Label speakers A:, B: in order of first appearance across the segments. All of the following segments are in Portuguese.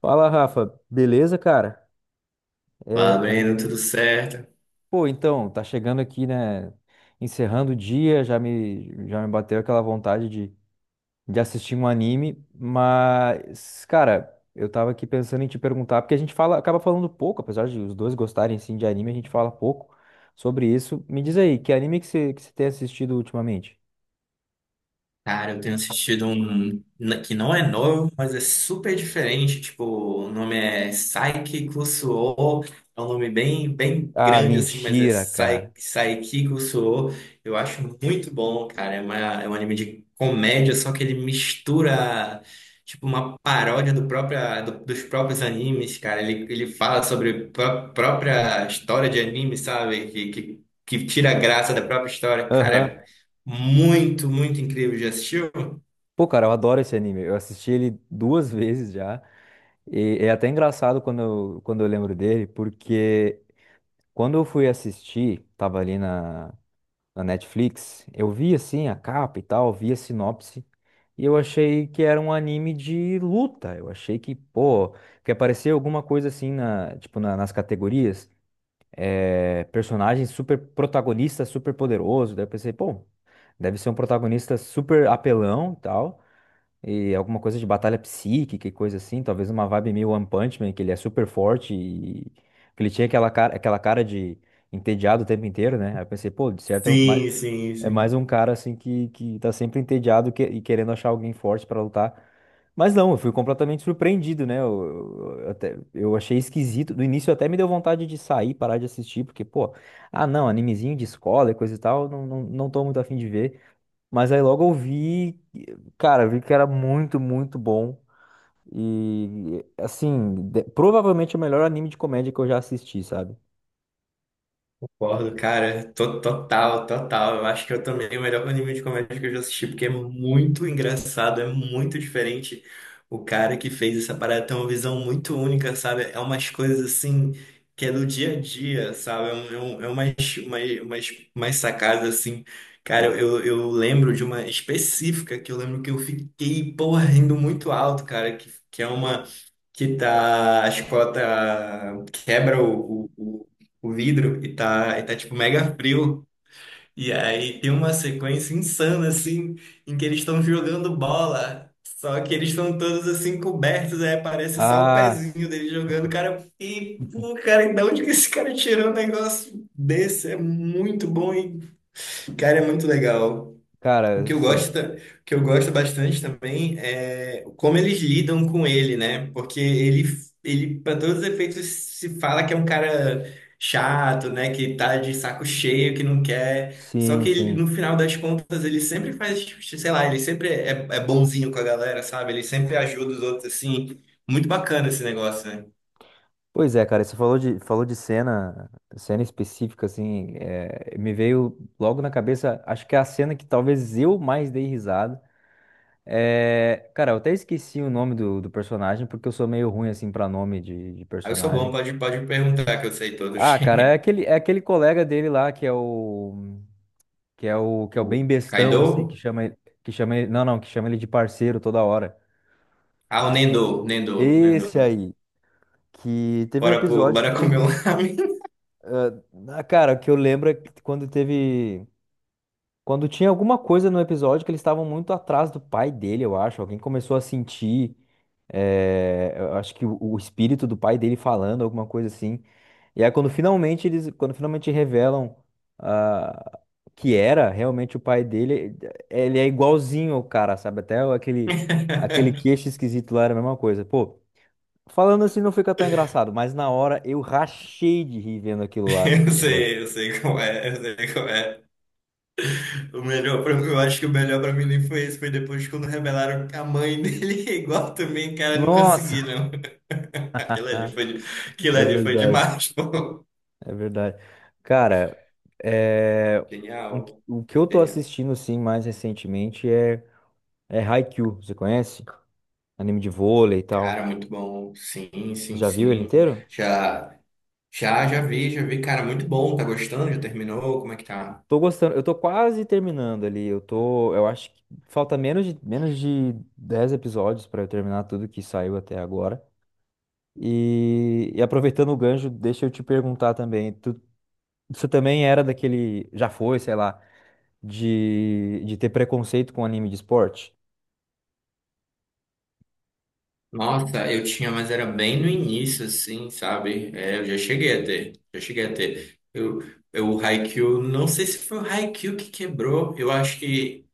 A: Fala, Rafa. Beleza, cara? É,
B: Fala, Breno, tudo certo?
A: pô, então, tá chegando aqui, né? Encerrando o dia, já me bateu aquela vontade de assistir um anime, mas, cara, eu tava aqui pensando em te perguntar, porque a gente fala, acaba falando pouco, apesar de os dois gostarem sim de anime, a gente fala pouco sobre isso. Me diz aí, que anime que você tem assistido ultimamente?
B: Cara, eu tenho assistido um que não é novo, mas é super diferente. Tipo, o nome é Saiki Kusuo. É um nome bem, bem
A: Ah,
B: grande, assim, mas é
A: mentira, cara.
B: Saiki Kusuo. Eu acho muito bom, cara. É um anime de comédia, só que ele mistura, tipo, uma paródia dos próprios animes, cara. Ele fala sobre a própria história de anime, sabe? Que tira a graça da própria história. Cara,
A: Aham.
B: muito, muito incrível. Já assistiu?
A: Pô, cara, eu adoro esse anime. Eu assisti ele duas vezes já. E é até engraçado quando eu lembro dele, porque quando eu fui assistir, tava ali na Netflix, eu vi assim a capa e tal, vi a sinopse, e eu achei que era um anime de luta. Eu achei que, pô, que aparecia alguma coisa assim tipo, nas categorias, personagem super protagonista, super poderoso. Daí eu pensei, pô, deve ser um protagonista super apelão e tal e alguma coisa de batalha psíquica e coisa assim, talvez uma vibe meio One Punch Man, que ele é super forte e que ele tinha aquela cara de entediado o tempo inteiro, né? Aí eu pensei, pô, de certo,
B: Sim, sim,
A: é mais
B: sim.
A: um cara assim que tá sempre entediado e querendo achar alguém forte pra lutar. Mas não, eu fui completamente surpreendido, né? Eu achei esquisito. No início até me deu vontade de sair, parar de assistir, porque, pô, ah, não, animezinho de escola e coisa e tal, não, não, não tô muito afim de ver. Mas aí logo eu vi, cara, eu vi que era muito, muito bom. E, assim, de- provavelmente o melhor anime de comédia que eu já assisti, sabe?
B: Concordo, cara. Total, total. Eu acho que eu também o melhor anime de comédia que eu já assisti, porque é muito engraçado, é muito diferente. O cara que fez essa parada tem uma visão muito única, sabe? É umas coisas assim que é do dia a dia, sabe? Umas sacadas assim. Cara, eu lembro de uma específica que eu lembro que eu fiquei, porra, rindo muito alto, cara, que é uma. Que tá, a escola tá, quebra o vidro e tá tipo mega frio. E aí tem uma sequência insana assim, em que eles estão jogando bola. Só que eles estão todos assim cobertos, aí aparece só o
A: Ah,
B: pezinho dele jogando, cara. E, pô, cara, de onde que esse cara tirou um negócio desse? É muito bom e, cara, é muito legal. O
A: cara,
B: que eu gosto, o que eu gosto bastante também é como eles lidam com ele, né? Porque ele para todos os efeitos, se fala que é um cara chato, né? Que tá de saco cheio, que não quer. Só
A: sim,
B: que ele,
A: sim.
B: no final das contas, ele sempre faz, tipo, sei lá, ele sempre é bonzinho com a galera, sabe? Ele sempre ajuda os outros, assim. Muito bacana esse negócio, né?
A: Pois é, cara, você falou de cena específica, assim, me veio logo na cabeça, acho que é a cena que talvez eu mais dei risada. É, cara, eu até esqueci o nome do personagem, porque eu sou meio ruim, assim, pra nome de
B: Aí eu sou bom,
A: personagem.
B: pode, pode me perguntar que eu sei
A: Ah,
B: todos.
A: cara, é aquele, é aquele colega dele lá que é o que é o que é o
B: O
A: bem bestão assim,
B: Kaido?
A: não, não, que chama ele de parceiro toda hora.
B: Ah, o Nendo, Nendo, Nendo.
A: Esse aí que teve um
B: Bora, pro,
A: episódio que
B: bora comer
A: teve,
B: um ramen.
A: ah, cara, o que eu lembro é que quando tinha alguma coisa no episódio que eles estavam muito atrás do pai dele, eu acho. Alguém começou a sentir, eu acho que o espírito do pai dele falando alguma coisa assim. E aí quando finalmente revelam ah, que era realmente o pai dele, ele é igualzinho ao cara, sabe? Até aquele queixo esquisito lá era a mesma coisa. Pô, falando assim não fica tão engraçado, mas na hora eu rachei de rir vendo aquilo lá, aquele negócio.
B: Eu sei como é, eu sei como é. O melhor pra mim, eu acho que o melhor pra mim nem foi esse, foi depois quando revelaram que a mãe dele é igual também, cara, eu não consegui,
A: Nossa!
B: não. Aquilo ali foi, de- Aquilo
A: É
B: ali foi
A: verdade,
B: demais, pô.
A: é verdade. Cara, é,
B: Genial,
A: o que eu tô
B: genial.
A: assistindo assim mais recentemente é é Haikyuu, você conhece? Anime de vôlei e
B: Cara,
A: tal.
B: muito bom. Sim, sim,
A: Já viu ele
B: sim.
A: inteiro?
B: Já, já, já vi, já vi. Cara, muito bom. Tá gostando? Já terminou? Como é que tá?
A: Tô gostando, eu tô quase terminando ali. Eu acho que falta menos de 10 episódios pra eu terminar tudo que saiu até agora. E aproveitando o gancho, deixa eu te perguntar também, você também era daquele, já foi, sei lá, de ter preconceito com anime de esporte?
B: Nossa, eu tinha, mas era bem no início, assim, sabe? É, eu já cheguei a ter, já cheguei a ter. O Haikyuu, não sei se foi o Haikyuu que quebrou, eu acho que,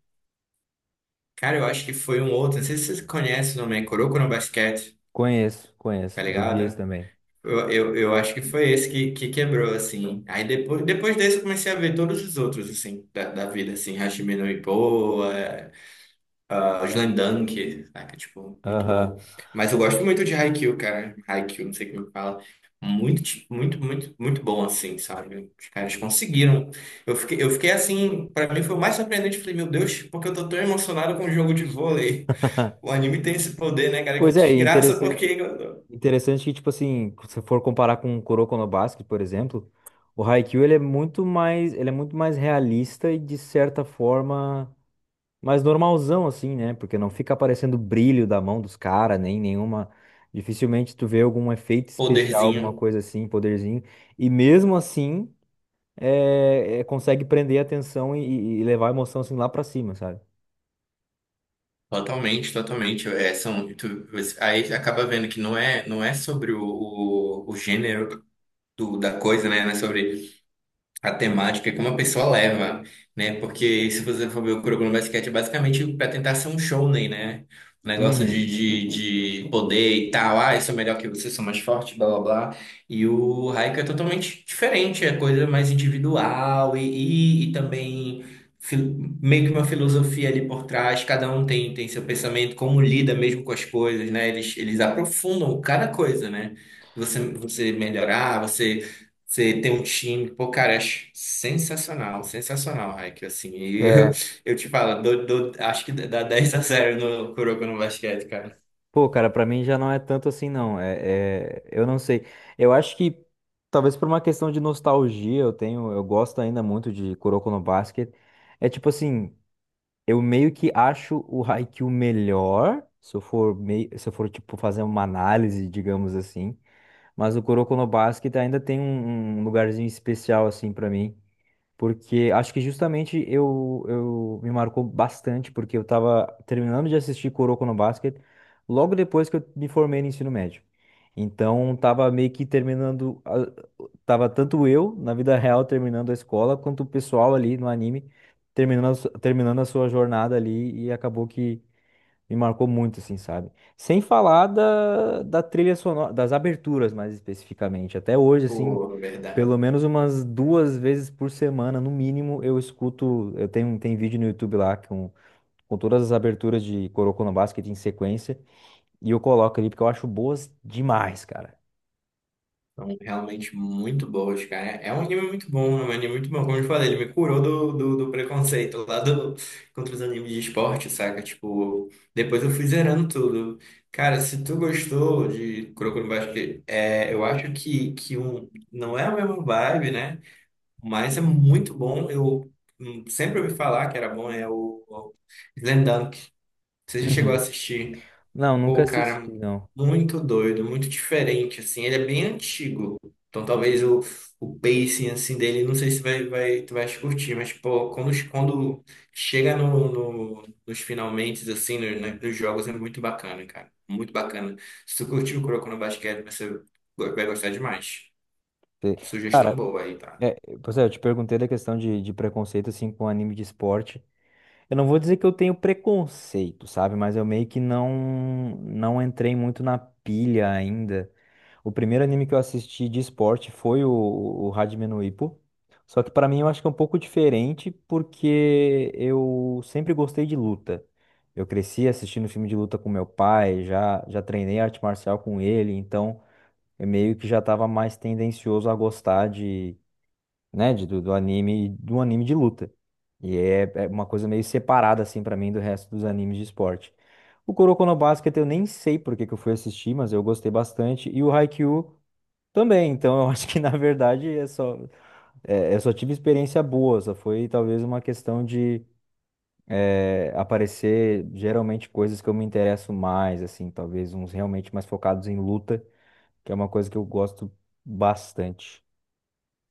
B: cara, eu acho que foi um outro, não sei se vocês conhecem o nome, é Kuroko no Basket,
A: Conheço, conheço.
B: tá
A: Eu vi esse
B: ligado?
A: também.
B: Eu acho que foi esse que quebrou, assim. Aí depois, depois desse eu comecei a ver todos os outros, assim, da vida, assim, Hajime no Ippo, ah, Slam Dunk, saca? Tipo, muito
A: Aham.
B: bom. Mas eu gosto muito de Haikyuu, cara. Haikyuu, não sei como é que fala. Muito, muito, muito, muito bom, assim, sabe? Os caras conseguiram. Eu fiquei assim, pra mim foi o mais surpreendente. Falei, meu Deus, porque eu tô tão emocionado com o jogo de vôlei? O anime tem esse poder, né, cara? Que
A: Pois é, e
B: desgraça, porque
A: interessante que, tipo assim, se você for comparar com o Kuroko no Basket, por exemplo, o Haikyuu ele é muito mais realista e de certa forma mais normalzão assim, né? Porque não fica aparecendo brilho da mão dos caras, nem nenhuma, dificilmente tu vê algum efeito especial, alguma
B: poderzinho.
A: coisa assim, poderzinho. E mesmo assim, consegue prender a atenção e levar a emoção assim lá pra cima, sabe?
B: Totalmente, totalmente. É, são, aí acaba vendo que não é, não é sobre o gênero da coisa, né? Não é sobre a temática que uma pessoa leva, né? Porque se você for ver o Kuroko no Basket, é basicamente para tentar ser um shounen, né? Um negócio
A: Uhum.
B: de poder e tal. Ah, eu sou melhor que você, sou mais forte, blá blá blá. E o Haikyuu é totalmente diferente, é coisa mais individual e também meio que uma filosofia ali por trás. Cada um tem, tem seu pensamento, como lida mesmo com as coisas, né? Eles aprofundam cada coisa, né? Você melhorar, você você tem um time, pô, cara, é sensacional, sensacional, Raik, assim, e eu te falo, acho que dá 10 a 0 no Kuroko no basquete, cara,
A: Pô, cara, pra mim já não é tanto assim, não. É, eu não sei. Eu acho que talvez por uma questão de nostalgia, eu gosto ainda muito de Kuroko no Basket. É tipo assim, eu meio que acho o Haikyuu melhor, se eu for tipo fazer uma análise, digamos assim. Mas o Kuroko no Basket ainda tem um lugarzinho especial assim pra mim. Porque acho que justamente eu me marcou bastante, porque eu tava terminando de assistir Kuroko no Basket logo depois que eu me formei no ensino médio. Então tava meio que terminando, a- tava tanto eu na vida real terminando a escola, quanto o pessoal ali no anime terminando, a su- terminando a sua jornada ali e acabou que me marcou muito, assim, sabe? Sem falar da trilha sonora, das aberturas mais especificamente. Até hoje, assim,
B: pô, verdade,
A: pelo menos umas duas vezes por semana, no mínimo, eu escuto. Tem vídeo no YouTube lá com todas as aberturas de Coroconoba's que tem em sequência. E eu coloco ali porque eu acho boas demais, cara.
B: são realmente muito boas, cara, é é um anime muito bom, é um anime muito bom, como eu te falei, ele me curou do preconceito lá do, contra os animes de esporte, saca, tipo, depois eu fui zerando tudo, cara, se tu gostou de Kuroko no basquete, é, eu acho que um, não é a mesma vibe, né, mas é muito bom. Eu sempre ouvi falar que era bom, é o Slam Dunk. Você já chegou a
A: Uhum.
B: assistir?
A: Não, nunca
B: Pô, cara,
A: assisti, não.
B: muito doido, muito diferente, assim. Ele é bem antigo. Então talvez o pacing, assim, dele, não sei se vai, vai, tu vai curtir, mas, pô, quando, quando chega no, nos finalmente, assim, né, nos jogos, é muito bacana, cara. Muito bacana. Se tu curtiu o Kuroko no Basquete, você vai gostar demais.
A: Sei.
B: Sugestão
A: Cara,
B: boa aí, tá?
A: é, pois é, eu te perguntei da questão de preconceito, assim, com anime de esporte. Eu não vou dizer que eu tenho preconceito, sabe? Mas eu meio que não não entrei muito na pilha ainda. O primeiro anime que eu assisti de esporte foi o Hajime no Ippo. Só que pra mim eu acho que é um pouco diferente porque eu sempre gostei de luta. Eu cresci assistindo filme de luta com meu pai, já já treinei arte marcial com ele, então eu meio que já estava mais tendencioso a gostar né, de, do, do anime de luta. E é uma coisa meio separada, assim, pra mim, do resto dos animes de esporte. O Kuroko no Basket eu nem sei por que que eu fui assistir, mas eu gostei bastante. E o Haikyuu também, então eu acho que, na verdade, é só, eu só tive experiência boa, só foi talvez uma questão de aparecer geralmente coisas que eu me interesso mais, assim, talvez uns realmente mais focados em luta, que é uma coisa que eu gosto bastante.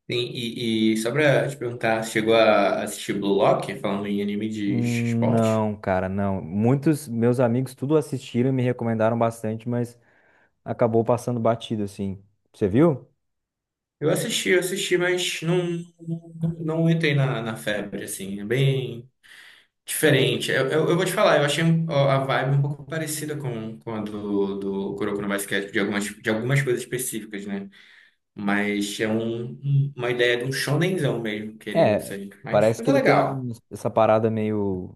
B: Sim, e só pra te perguntar, você chegou a assistir Blue Lock, falando em anime de esporte?
A: Não, cara, não. Muitos meus amigos tudo assistiram e me recomendaram bastante, mas acabou passando batido, assim. Você viu?
B: Eu assisti, mas não entrei na, na febre, assim, é bem diferente. Eu vou te falar, eu achei a vibe um pouco parecida com a do, do Kuroko no Basket, de algumas coisas específicas, né? Mas é um, uma ideia de um shonenzão mesmo, querendo
A: É,
B: ser,
A: parece
B: mas
A: que
B: é
A: ele
B: legal.
A: tem essa parada meio,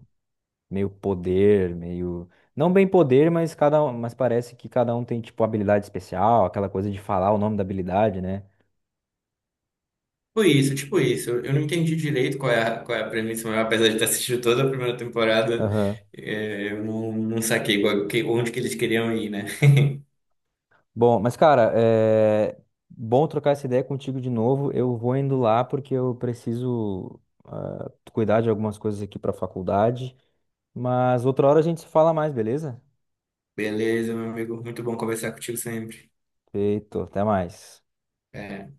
A: meio poder, meio. Não bem poder, mas cada um, mas parece que cada um tem, tipo, habilidade especial, aquela coisa de falar o nome da habilidade, né?
B: Tipo isso, tipo isso. Eu não entendi direito qual é a premissa, mas apesar de ter assistido toda a primeira temporada,
A: Aham.
B: é, eu não, não saquei onde que eles queriam ir, né?
A: Bom, mas, cara, é bom trocar essa ideia contigo de novo. Eu vou indo lá porque eu preciso, cuidar de algumas coisas aqui para a faculdade. Mas outra hora a gente se fala mais, beleza?
B: Beleza, meu amigo. Muito bom conversar contigo sempre.
A: Feito, até mais.
B: É,